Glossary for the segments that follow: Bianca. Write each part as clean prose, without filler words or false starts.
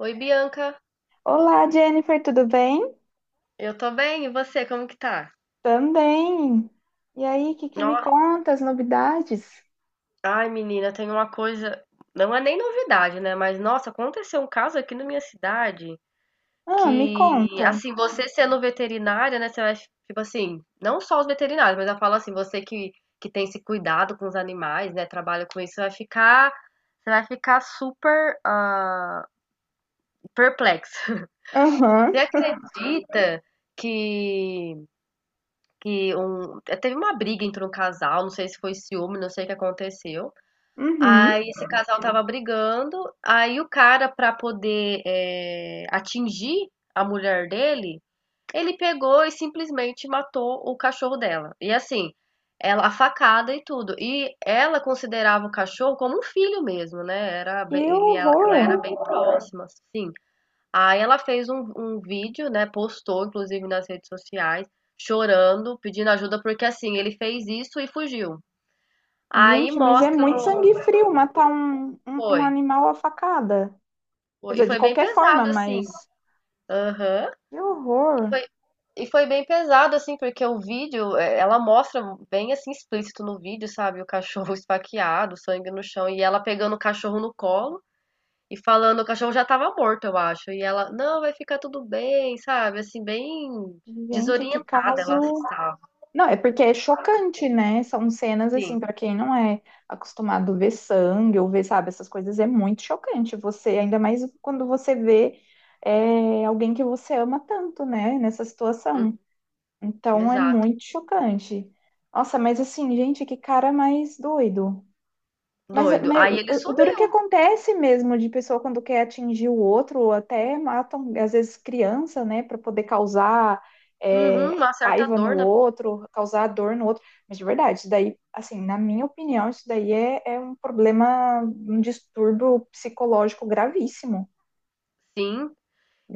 Oi, Bianca. Olá, Jennifer, tudo bem? Eu tô bem, e você, como que tá? Também. E aí, o que me Nossa, conta as novidades? ai, menina, tem uma coisa, não é nem novidade, né? Mas nossa, aconteceu um caso aqui na minha cidade Ah, me que, conta. assim, você sendo veterinária, né, você vai, tipo assim, não só os veterinários, mas eu falo assim, você que tem esse cuidado com os animais, né, trabalha com isso, você vai ficar super perplexo. Aham, Você acredita que Que um teve uma briga entre um casal, não sei se foi ciúme, não sei o que aconteceu. uhum. Aí esse casal tava brigando, aí o cara pra poder, atingir a mulher dele, ele pegou e simplesmente matou o cachorro dela. E assim, ela, a facada e tudo. E ela considerava o cachorro como um filho mesmo, né? Era, Que ele, ela era horror. bem próxima, sim. Aí ela fez um vídeo, né? Postou, inclusive, nas redes sociais, chorando, pedindo ajuda, porque assim, ele fez isso e fugiu. Aí Gente, mas é mostra muito no. sangue frio matar um Foi. animal à facada. Quer E dizer, de foi bem qualquer forma, pesado, assim. mas Aham. que E horror. foi, e foi bem pesado, assim, porque o vídeo, ela mostra bem assim, explícito no vídeo, sabe? O cachorro esfaqueado, sangue no chão, e ela pegando o cachorro no colo e falando, o cachorro já tava morto, eu acho. E ela, não, vai ficar tudo bem, sabe? Assim, bem Gente, que desorientada ela caso. estava. Não, é porque é chocante, né? São cenas Sim, assim, pra quem não é acostumado a ver sangue ou ver, sabe, essas coisas, é muito chocante. Você, ainda mais quando você vê alguém que você ama tanto, né, nessa hum, situação. Então é exato. muito chocante. Nossa, mas assim, gente, que cara mais doido. Mas, Doido. mas Aí ele o duro que sumiu. acontece mesmo de pessoa quando quer atingir o outro, ou até matam, às vezes, criança, né, para poder causar é, Uhum, uma certa raiva no dor na pessoa. outro, causar dor no outro. Mas de verdade, isso daí, assim, na minha opinião, isso daí é um problema, um distúrbio psicológico gravíssimo, Sim.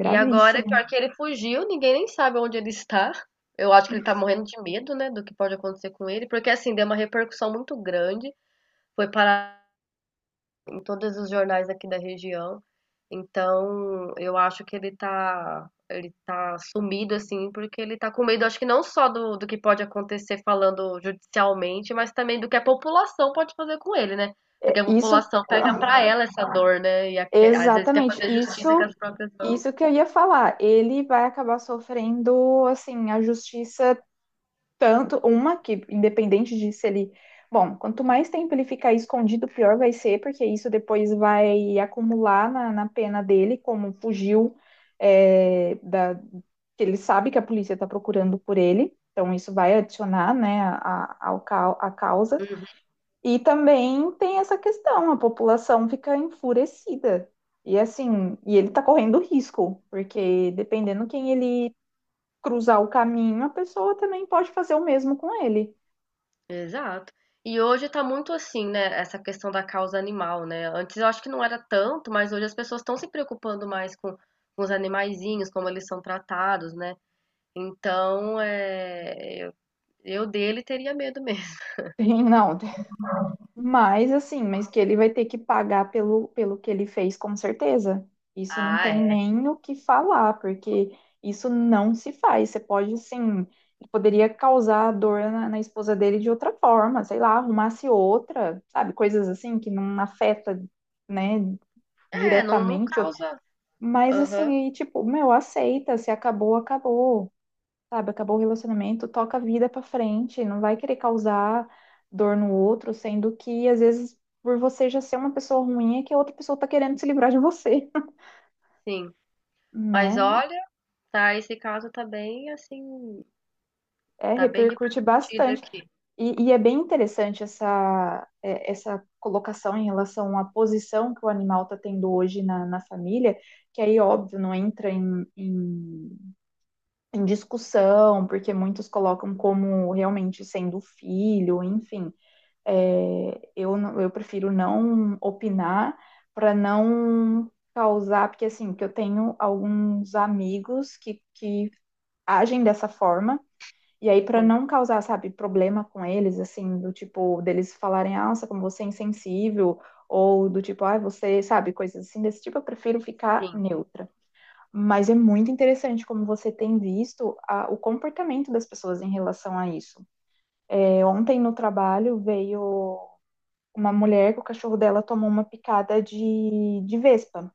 E agora, pior que ele fugiu, ninguém nem sabe onde ele está. Eu acho que ele tá morrendo de medo, né, do que pode acontecer com ele, porque assim, deu uma repercussão muito grande. Foi parar em todos os jornais aqui da região. Então, eu acho que ele tá sumido, assim, porque ele tá com medo, acho que não só do que pode acontecer falando judicialmente, mas também do que a população pode fazer com ele, né? Porque a Isso, população pega ah, pra ela essa dor, né? Às vezes quer exatamente, fazer justiça com isso, as próprias mãos. isso que eu ia falar. Ele vai acabar sofrendo, assim, a justiça tanto uma que, independente de se ele. Bom, quanto mais tempo ele ficar escondido, pior vai ser, porque isso depois vai acumular na pena dele, como fugiu, que ele sabe que a polícia está procurando por ele. Então, isso vai adicionar, né, ao, a causa. E também tem essa questão, a população fica enfurecida. E assim, e ele está correndo risco, porque dependendo quem ele cruzar o caminho, a pessoa também pode fazer o mesmo com ele. Exato. E hoje tá muito assim, né, essa questão da causa animal, né? Antes eu acho que não era tanto, mas hoje as pessoas estão se preocupando mais com os animaizinhos, como eles são tratados, né? Então, eu dele teria medo mesmo. Tem, não. tem- Mas assim, mas que ele vai ter que pagar pelo, pelo que ele fez, com certeza. Isso não Ah, tem é. nem o que falar, porque isso não se faz. Você pode, assim, poderia causar dor na esposa dele de outra forma, sei lá, arrumasse outra, sabe? Coisas assim que não afeta, né, É, não, não diretamente. causa. Mas Aham, assim, e, tipo, meu, aceita, se acabou, acabou, sabe? Acabou o relacionamento, toca a vida pra frente, não vai querer causar dor no outro, sendo que às vezes por você já ser uma pessoa ruim é que a outra pessoa tá querendo se livrar de você, sim. Mas né? olha, tá, esse caso tá bem assim, É, tá bem repercute repercutido bastante. aqui. E é bem interessante essa, essa colocação em relação à posição que o animal tá tendo hoje na família, que aí, óbvio, não entra em discussão, porque muitos colocam como realmente sendo filho, enfim. Eu prefiro não opinar para não causar, porque assim, que eu tenho alguns amigos que agem dessa forma, e aí para Sim, não causar, sabe, problema com eles, assim, do tipo, deles falarem, ah, nossa, como você é insensível, ou do tipo, ah, você, sabe, coisas assim desse tipo, eu prefiro ficar sim. neutra. Mas é muito interessante como você tem visto o comportamento das pessoas em relação a isso. É, ontem no trabalho veio uma mulher que o cachorro dela tomou uma picada de vespa.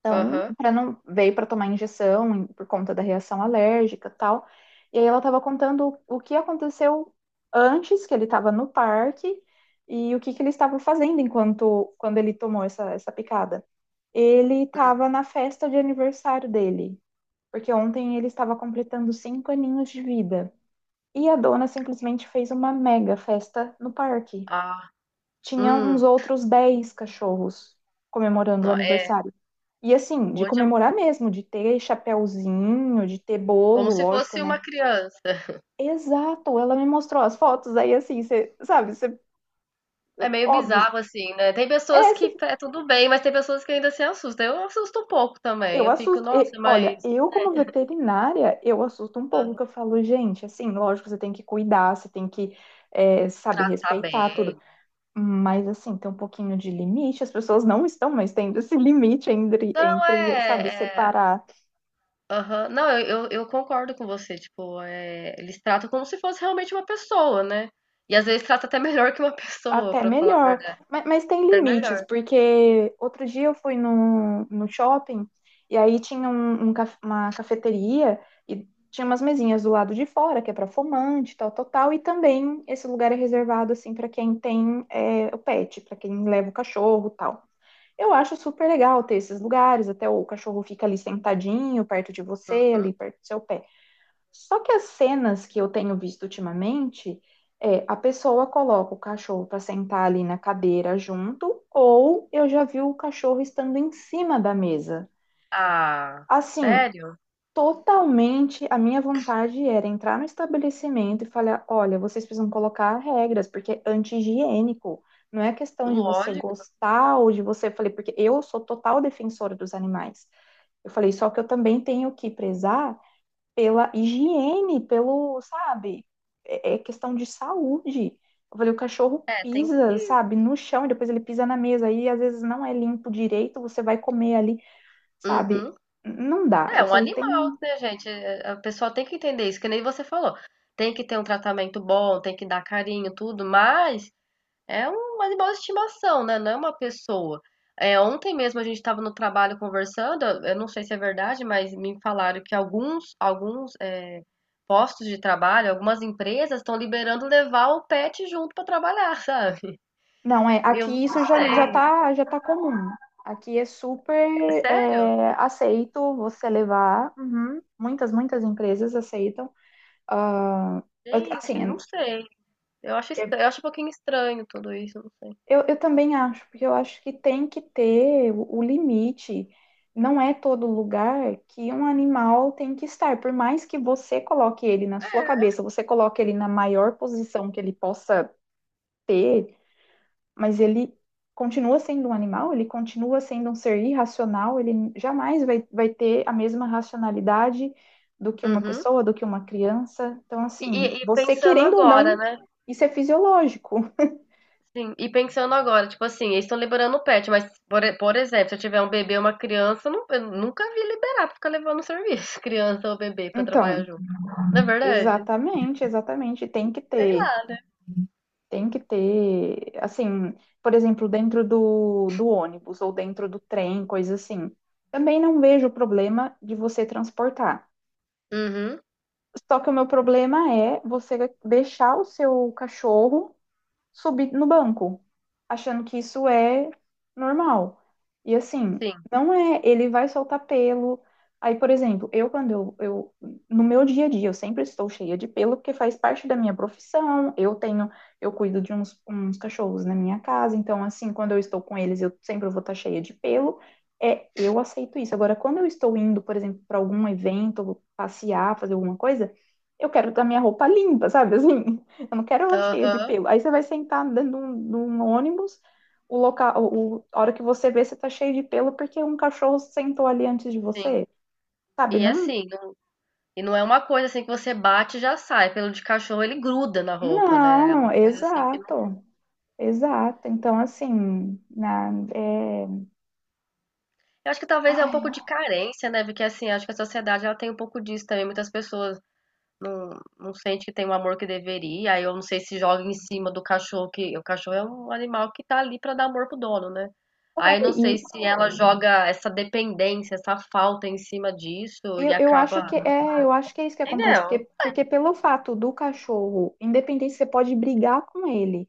Então, Aham. para não veio para tomar injeção por conta da reação alérgica, e tal. E aí ela estava contando o que aconteceu antes que ele estava no parque e o que ele estava fazendo enquanto quando ele tomou essa picada. Ele estava na festa de aniversário dele, porque ontem ele estava completando 5 aninhos de vida. E a dona simplesmente fez uma mega festa no parque, Ah, tinha uns hum. outros 10 cachorros comemorando o Não, é, aniversário. E assim, de hoje é comemorar mesmo, de ter chapéuzinho, de ter como bolo, se lógico, fosse uma né? criança. Exato, ela me mostrou as fotos, aí assim, você sabe, você É meio óbvio. bizarro, assim, né? Tem pessoas É, cê- que tá, é tudo bem, mas tem pessoas que ainda se assustam. Eu assusto um pouco também. eu Eu fico, assusto. E, nossa, mas olha, eu como veterinária, eu assusto um pouco, que eu falo, gente, assim, lógico, você tem que cuidar, você tem que, sabe, tá respeitar tudo. bem. Mas assim, tem um pouquinho de limite, as pessoas não estão mais tendo esse limite Não, sabe, é. É... separar. aham. Não, eu concordo com você. Tipo, é... eles tratam como se fosse realmente uma pessoa, né? E às vezes trata até melhor que uma pessoa, Até pra falar a melhor. verdade. Mas tem Até limites, melhor. porque outro dia eu fui no shopping e aí tinha um, uma cafeteria e tinha umas mesinhas do lado de fora, que é para fumante, tal, tal, tal. E também esse lugar é reservado, assim, para quem tem o pet, para quem leva o cachorro, tal. Eu acho super legal ter esses lugares, até o cachorro fica ali sentadinho, perto de você, Uhum. ali perto do seu pet. Só que as cenas que eu tenho visto ultimamente é a pessoa coloca o cachorro para sentar ali na cadeira junto, ou eu já vi o cachorro estando em cima da mesa. Ah, Assim, sério? totalmente a minha vontade era entrar no estabelecimento e falar: olha, vocês precisam colocar regras, porque é anti-higiênico. Não é questão de você Lógico. gostar ou de você. Eu falei, porque eu sou total defensora dos animais. Eu falei, só que eu também tenho que prezar pela higiene, pelo, sabe, é questão de saúde. Eu falei, o cachorro É, tem pisa, que. sabe, no chão e depois ele pisa na mesa aí às vezes não é limpo direito, você vai comer ali, sabe? Uhum. Não dá. É Eu um falei, tem, animal, um, né, gente? É, é, a pessoa tem que entender isso, que nem você falou. Tem que ter um tratamento bom, tem que dar carinho, tudo, mas é um animal de estimação, né? Não é uma pessoa. É, ontem mesmo a gente estava no trabalho conversando, eu não sei se é verdade, mas me falaram que alguns postos de trabalho, algumas empresas estão liberando levar o pet junto para trabalhar, sabe? não é, Eu aqui não isso já sei. tá já tá comum. Aqui é super Sério? Aceito você levar. Uhum. Muitas empresas aceitam. Ah, Gente, assim, não sei. Eu acho, é, eu acho um pouquinho estranho tudo isso, não sei. eu também acho, porque eu acho que tem que ter o limite. Não é todo lugar que um animal tem que estar. Por mais que você coloque ele na sua cabeça, você coloque ele na maior posição que ele possa ter, mas ele continua sendo um animal, ele continua sendo um ser irracional, ele jamais vai, vai ter a mesma racionalidade do que uma Uhum. pessoa, do que uma criança. Então, assim, E você pensando querendo ou agora, não, né? isso é fisiológico. Sim, e pensando agora, tipo assim, eles estão liberando o pet, mas, por exemplo, se eu tiver um bebê ou uma criança, eu nunca vi liberar pra ficar levando serviço, criança ou bebê, pra trabalhar Então. junto. Não é verdade? Exatamente, exatamente. Sei lá, né? Tem que ter, assim, por exemplo, dentro do ônibus ou dentro do trem, coisa assim. Também não vejo problema de você transportar. Uhum, Só que o meu problema é você deixar o seu cachorro subir no banco, achando que isso é normal. E assim, sim. não é, ele vai soltar pelo. Aí, por exemplo, eu quando eu no meu dia a dia, eu sempre estou cheia de pelo porque faz parte da minha profissão. Eu tenho, eu cuido de uns, uns cachorros na minha casa, então assim, quando eu estou com eles, eu sempre vou estar cheia de pelo. É, eu aceito isso. Agora, quando eu estou indo, por exemplo, para algum evento, passear, fazer alguma coisa, eu quero ter a minha roupa limpa, sabe? Assim, eu não quero ela cheia de Aham, pelo. Aí você vai sentar dentro de um ônibus, o local, o, a hora que você vê, você tá cheio de pelo porque um cachorro sentou ali antes de sim. você. Sabe? E Não, assim, não, e não é uma coisa assim que você bate e já sai. Pelo de cachorro, ele gruda na roupa, né? É não, uma coisa assim que não. exato. Exato. Então, assim, na, é... Eu acho que talvez é um Ai, pouco de carência, né? Porque assim, acho que a sociedade ela tem um pouco disso também. Muitas pessoas. Não, não sente que tem o amor que deveria. Aí eu não sei se joga em cima do cachorro, que o cachorro é um animal que tá ali pra dar amor pro dono, né? Aí eu é, não sei e se ela joga essa dependência, essa falta em cima disso e eu acaba. acho que é, eu acho que é isso que acontece, Entendeu? porque, porque pelo fato do cachorro, independente, você pode brigar com ele.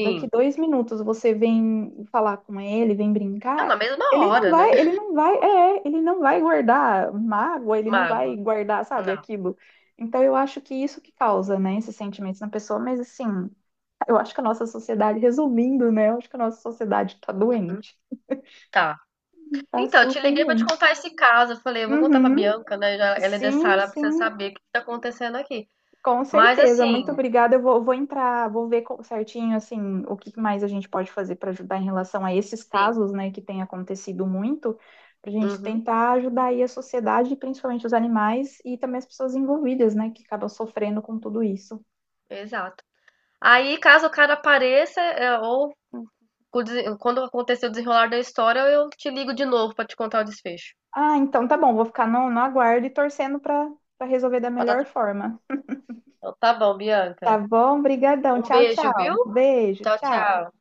Daqui 2 minutos você vem falar com ele, vem É na brincar, mesma ele não hora, né? vai, ele não vai, ele não vai guardar mágoa, ele não vai Mago. guardar, sabe, Não. aquilo. Então eu acho que isso que causa, né, esses sentimentos na pessoa, mas assim, eu acho que a nossa sociedade, resumindo, né, eu acho que a nossa sociedade tá doente, Tá. tá Então, eu te super liguei pra te doente. contar esse caso. Eu falei, eu vou contar pra Uhum, Bianca, né? Já- Ela é dessa sim, área, ela precisa sim. saber o que tá acontecendo aqui. Com Mas certeza, muito assim, obrigada. Eu vou, vou entrar, vou ver certinho assim o que mais a gente pode fazer para ajudar em relação a esses sim. casos, né, que tem acontecido muito, para a gente Uhum, tentar ajudar aí a sociedade, principalmente os animais e também as pessoas envolvidas, né, que acabam sofrendo com tudo isso. exato. Aí, caso o cara apareça, é, ou com o quando acontecer o desenrolar da história, eu te ligo de novo pra te contar o desfecho. Ah, então tá bom, vou ficar no aguardo e torcendo para para resolver da Pra dar melhor tudo- forma. Então, tá bom, Tá Bianca. bom? Obrigadão. Um Tchau, beijo, viu? tchau. Beijo, Tchau, tchau. tchau.